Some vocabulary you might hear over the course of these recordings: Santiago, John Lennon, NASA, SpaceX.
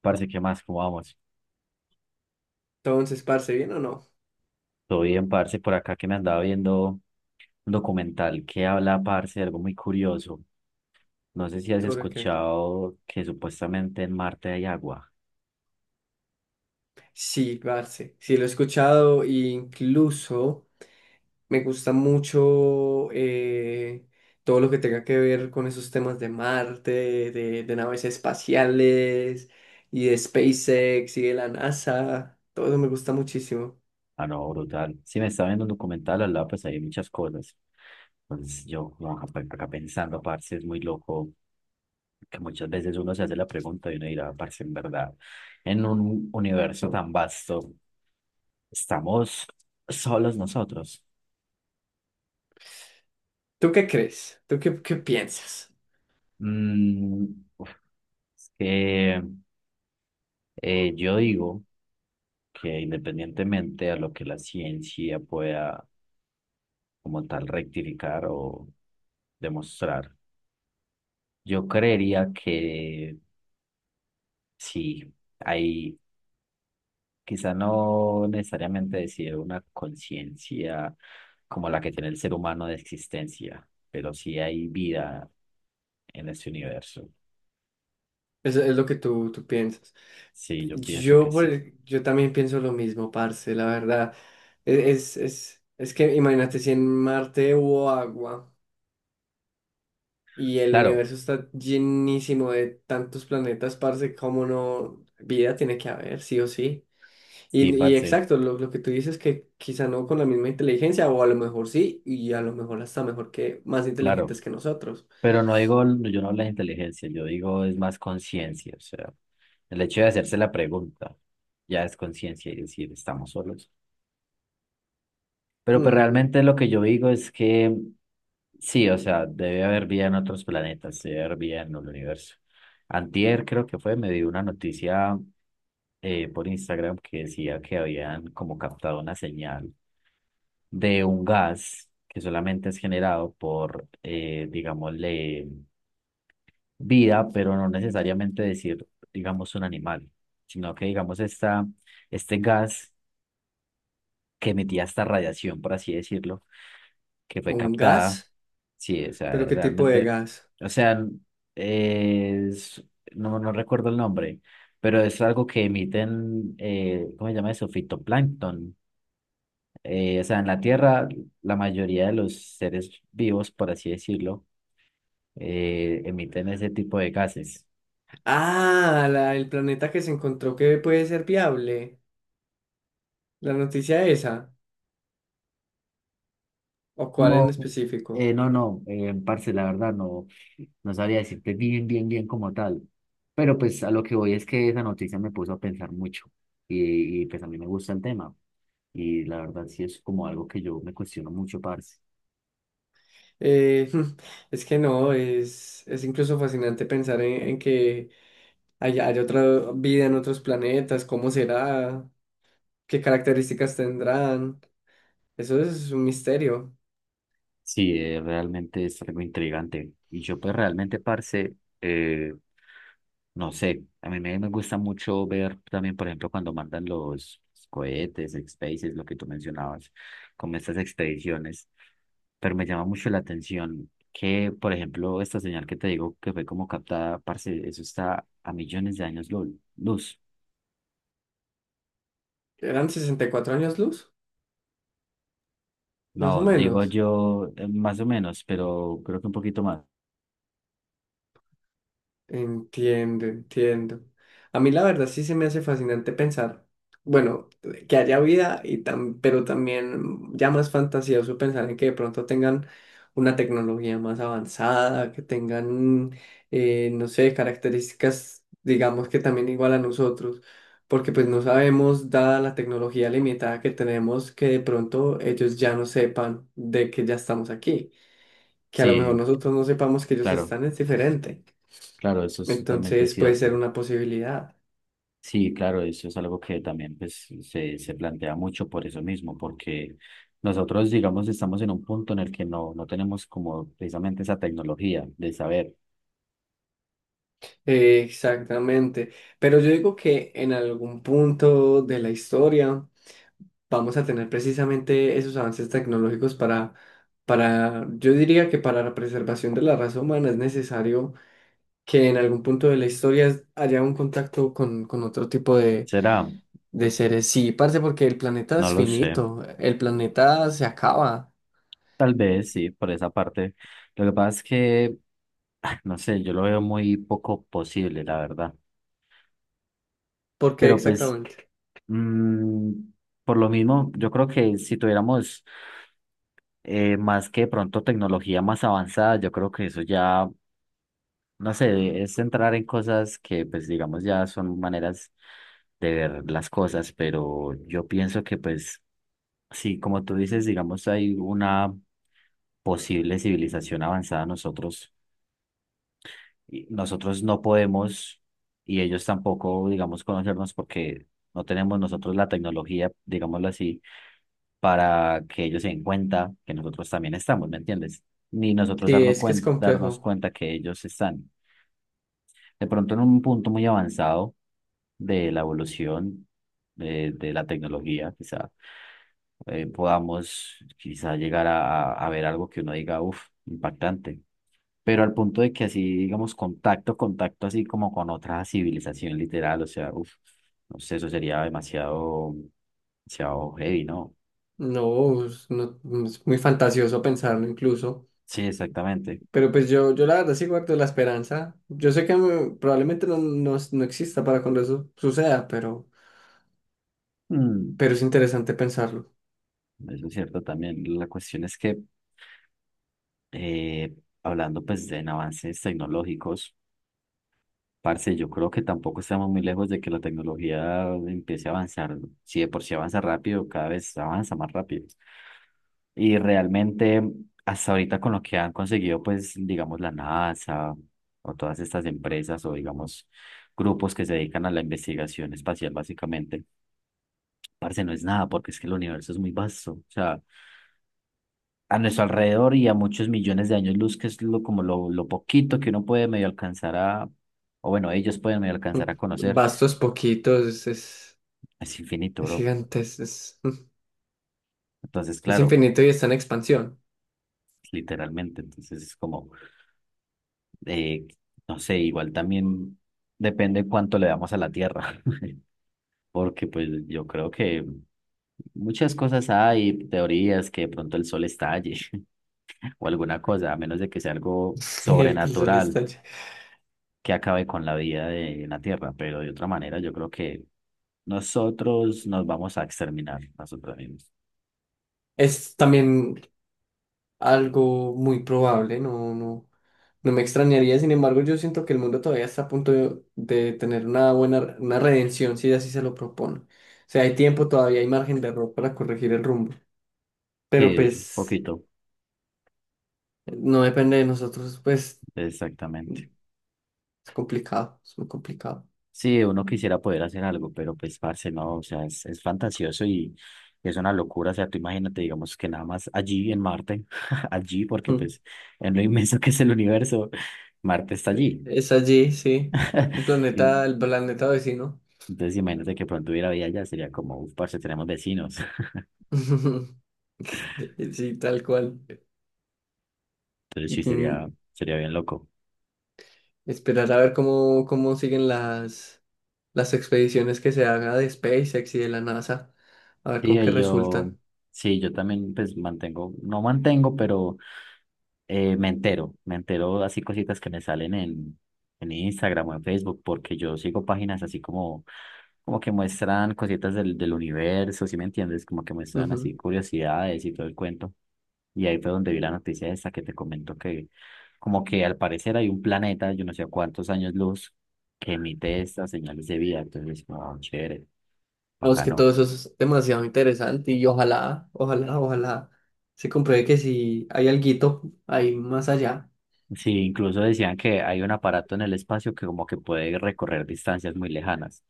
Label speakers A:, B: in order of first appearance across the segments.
A: Parce, ¿qué más? ¿Cómo vamos?
B: Entonces, parce, ¿bien o no?
A: Todo bien, parce, por acá que me andaba viendo un documental que habla, parce, de algo muy curioso. No sé si has
B: ¿Sobre qué?
A: escuchado que supuestamente en Marte hay agua.
B: Sí, parce, sí lo he escuchado e incluso me gusta mucho, todo lo que tenga que ver con esos temas de Marte, de naves espaciales y de SpaceX y de la NASA. Todo eso me gusta muchísimo.
A: Ah, no, brutal. Sí, me estaba viendo un documental, al lado pues hay muchas cosas. Entonces yo como acá, pues, acá pensando, parce, es muy loco que muchas veces uno se hace la pregunta y uno dirá, parce, en verdad, en un universo tan vasto, ¿estamos solos nosotros?
B: ¿Tú qué crees? ¿Tú qué piensas?
A: Mm, uf, es que... yo digo que independientemente a lo que la ciencia pueda como tal rectificar o demostrar, yo creería que sí, hay quizá no necesariamente decir una conciencia como la que tiene el ser humano de existencia, pero sí hay vida en este universo.
B: Es lo que tú piensas.
A: Sí, yo pienso que
B: Yo, por
A: sí.
B: el- yo también pienso lo mismo, parce, la verdad. Es que imagínate si en Marte hubo agua y el
A: Claro,
B: universo está llenísimo de tantos planetas, parce, como no, vida tiene que haber, sí o sí.
A: sí,
B: Y
A: parce,
B: exacto, lo que tú dices que quizá no con la misma inteligencia, o a lo mejor sí, y a lo mejor hasta mejor que más
A: claro.
B: inteligentes que nosotros.
A: Pero no digo, yo no hablo de inteligencia, yo digo es más conciencia, o sea, el hecho de hacerse la pregunta ya es conciencia y decir, estamos solos. Pero pues
B: Mm.
A: realmente lo que yo digo es que sí, o sea, debe haber vida en otros planetas, debe haber vida en el universo. Antier creo que fue, me dio una noticia por Instagram que decía que habían como captado una señal de un gas que solamente es generado por, digámosle, vida, pero no necesariamente decir, digamos, un animal, sino que, digamos, este gas que emitía esta radiación, por así decirlo, que fue
B: ¿Un
A: captada,
B: gas?
A: sí, o sea,
B: ¿Pero qué tipo de
A: realmente,
B: gas?
A: o sea, es, no recuerdo el nombre, pero es algo que emiten, ¿cómo se llama eso? Fitoplancton. O sea, en la Tierra, la mayoría de los seres vivos, por así decirlo, emiten ese tipo de gases.
B: Ah, el planeta que se encontró que puede ser viable. La noticia esa, o cuál en
A: Como,
B: específico.
A: no, parce, la verdad no, no sabría decirte bien, bien como tal. Pero pues a lo que voy es que esa noticia me puso a pensar mucho y pues a mí me gusta el tema y la verdad sí es como algo que yo me cuestiono mucho, parce.
B: Eh, es que no, es incluso fascinante pensar en que hay otra vida en otros planetas, cómo será, qué características tendrán. Eso es un misterio.
A: Sí, realmente es algo intrigante y yo pues realmente, parce, eh, no sé, a me gusta mucho ver también, por ejemplo, cuando mandan los cohetes, spaces, lo que tú mencionabas, como estas expediciones, pero me llama mucho la atención que, por ejemplo, esta señal que te digo que fue como captada, parce, eso está a millones de años luz.
B: Eran 64 años luz, más o
A: No, digo
B: menos.
A: yo más o menos, pero creo que un poquito más.
B: Entiendo, entiendo. A mí la verdad sí se me hace fascinante pensar, bueno, que haya vida y pero también ya más fantasioso pensar en que de pronto tengan una tecnología más avanzada, que tengan, no sé, características, digamos que también igual a nosotros, porque pues no sabemos, dada la tecnología limitada que tenemos, que de pronto ellos ya no sepan de que ya estamos aquí, que a lo mejor
A: Sí,
B: nosotros no sepamos que ellos
A: claro,
B: están, es diferente.
A: claro, eso es totalmente
B: Entonces puede ser
A: cierto.
B: una posibilidad.
A: Sí, claro, eso es algo que también pues, se plantea mucho por eso mismo, porque nosotros, digamos, estamos en un punto en el que no tenemos como precisamente esa tecnología de saber.
B: Exactamente. Pero yo digo que en algún punto de la historia vamos a tener precisamente esos avances tecnológicos, yo diría que para la preservación de la raza humana es necesario que en algún punto de la historia haya un contacto con otro tipo
A: ¿Será?
B: de seres. Sí, parce, porque el planeta
A: No
B: es
A: lo sé.
B: finito, el planeta se acaba.
A: Tal vez sí, por esa parte. Lo que pasa es que, ah, no sé, yo lo veo muy poco posible, la verdad.
B: ¿Por qué
A: Pero pues,
B: exactamente?
A: mm, por lo mismo, yo creo que si tuviéramos más que de pronto tecnología más avanzada, yo creo que eso ya no sé, es entrar en cosas que pues digamos ya son maneras de ver las cosas, pero yo pienso que pues sí, como tú dices, digamos hay una posible civilización avanzada nosotros y nosotros no podemos y ellos tampoco, digamos, conocernos porque no tenemos nosotros la tecnología, digámoslo así, para que ellos se den cuenta que nosotros también estamos, ¿me entiendes? Ni nosotros
B: Sí,
A: darnos
B: es que es
A: darnos
B: complejo.
A: cuenta que ellos están. De pronto en un punto muy avanzado de la evolución de la tecnología, quizá podamos quizá llegar a ver algo que uno diga, uff, impactante. Pero al punto de que así, digamos, contacto así como con otra civilización literal, o sea, uff, no sé, eso sería demasiado, demasiado heavy, ¿no?
B: No, es muy fantasioso pensarlo incluso,
A: Sí, exactamente.
B: pero pues yo la verdad sí guardo la esperanza. Yo sé que mm, probablemente no exista para cuando eso suceda, pero,
A: Mm,
B: pero es interesante pensarlo.
A: eso es cierto también. La cuestión es que, eh, hablando pues de en avances tecnológicos, parce, yo creo que tampoco estamos muy lejos de que la tecnología empiece a avanzar. Si de por sí avanza rápido, cada vez avanza más rápido. Y realmente, hasta ahorita con lo que han conseguido, pues, digamos, la NASA o todas estas empresas o, digamos, grupos que se dedican a la investigación espacial, básicamente, parce, no es nada, porque es que el universo es muy vasto. O sea, a nuestro alrededor y a muchos millones de años luz, que es lo, como lo poquito que uno puede medio alcanzar a, o bueno, ellos pueden medio alcanzar a conocer.
B: Vastos, poquitos,
A: Es infinito,
B: es
A: bro.
B: gigante,
A: Entonces,
B: es
A: claro,
B: infinito y está en expansión.
A: literalmente. Entonces es como, eh, no sé, igual también depende cuánto le damos a la Tierra. Porque pues yo creo que muchas cosas hay, teorías que de pronto el sol estalle o alguna cosa, a menos de que sea algo
B: El que el sol está.
A: sobrenatural que acabe con la vida de la Tierra. Pero de otra manera, yo creo que nosotros nos vamos a exterminar nosotros mismos.
B: Es también algo muy probable, no, no. No me extrañaría, sin embargo, yo siento que el mundo todavía está a punto de tener una buena, una redención si así se lo propone. O sea, hay tiempo, todavía hay margen de error para corregir el rumbo.
A: Sí,
B: Pero
A: un
B: pues
A: poquito,
B: no depende de nosotros, pues
A: exactamente.
B: es complicado, es muy complicado.
A: Sí, uno quisiera poder hacer algo, pero pues, parce, no, o sea, es fantasioso y es una locura, o sea, tú imagínate, digamos, que nada más allí en Marte, allí, porque
B: Mm.
A: pues, en lo inmenso que es el universo, Marte está allí.
B: Es allí, sí. Un
A: Y
B: planeta, el planeta vecino.
A: entonces, imagínate que pronto hubiera vida allá, sería como, uff, parce, tenemos vecinos.
B: Sí, tal cual.
A: Entonces sí, sería,
B: Mm.
A: sería bien loco.
B: Esperar a ver cómo siguen las expediciones que se haga de SpaceX y de la NASA, a ver
A: Sí,
B: con qué
A: y yo,
B: resultan.
A: sí, yo también, pues, mantengo, no mantengo, pero me entero, así cositas que me salen en Instagram o en Facebook, porque yo sigo páginas así como, como que muestran cositas del universo, ¿sí me entiendes? Como que muestran
B: Ujú.
A: así curiosidades y todo el cuento. Y ahí fue donde vi la noticia esta que te comento que como que al parecer hay un planeta, yo no sé a cuántos años luz, que emite estas señales de vida. Entonces, como, "Oh, chévere,
B: Vamos, que
A: bacano".
B: todo eso es demasiado interesante y ojalá, ojalá, ojalá se compruebe que si hay alguito ahí más allá,
A: Sí, incluso decían que hay un aparato en el espacio que como que puede recorrer distancias muy lejanas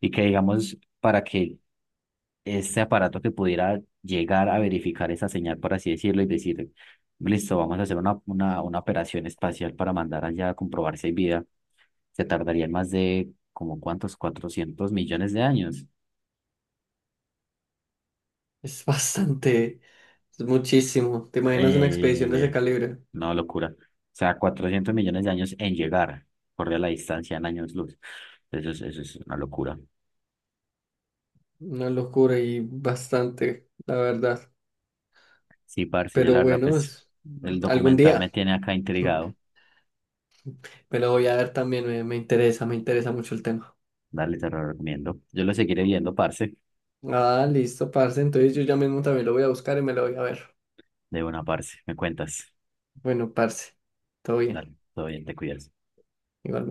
A: y que digamos para que este aparato que pudiera llegar a verificar esa señal, por así decirlo, y decir, listo, vamos a hacer una operación espacial para mandar allá a comprobar si hay vida, se tardarían más de como cuántos, 400 millones de años.
B: es bastante, es muchísimo. ¿Te imaginas una expedición de ese
A: Eh,
B: calibre?
A: no, locura. O sea, 400 millones de años en llegar, corre la distancia en años luz. Eso es una locura.
B: Una locura y bastante, la verdad.
A: Sí, parce, yo la
B: Pero
A: verdad,
B: bueno,
A: pues el
B: algún
A: documental me
B: día
A: tiene acá intrigado.
B: me lo voy a ver también, me interesa, me interesa mucho el tema.
A: Dale, te lo recomiendo. Yo lo seguiré viendo, parce.
B: Ah, listo, parce. Entonces yo ya mismo también lo voy a buscar y me lo voy a ver.
A: De una, parce. Me cuentas.
B: Bueno, parce, todo bien.
A: Dale, todo bien, te cuidas.
B: Igualmente.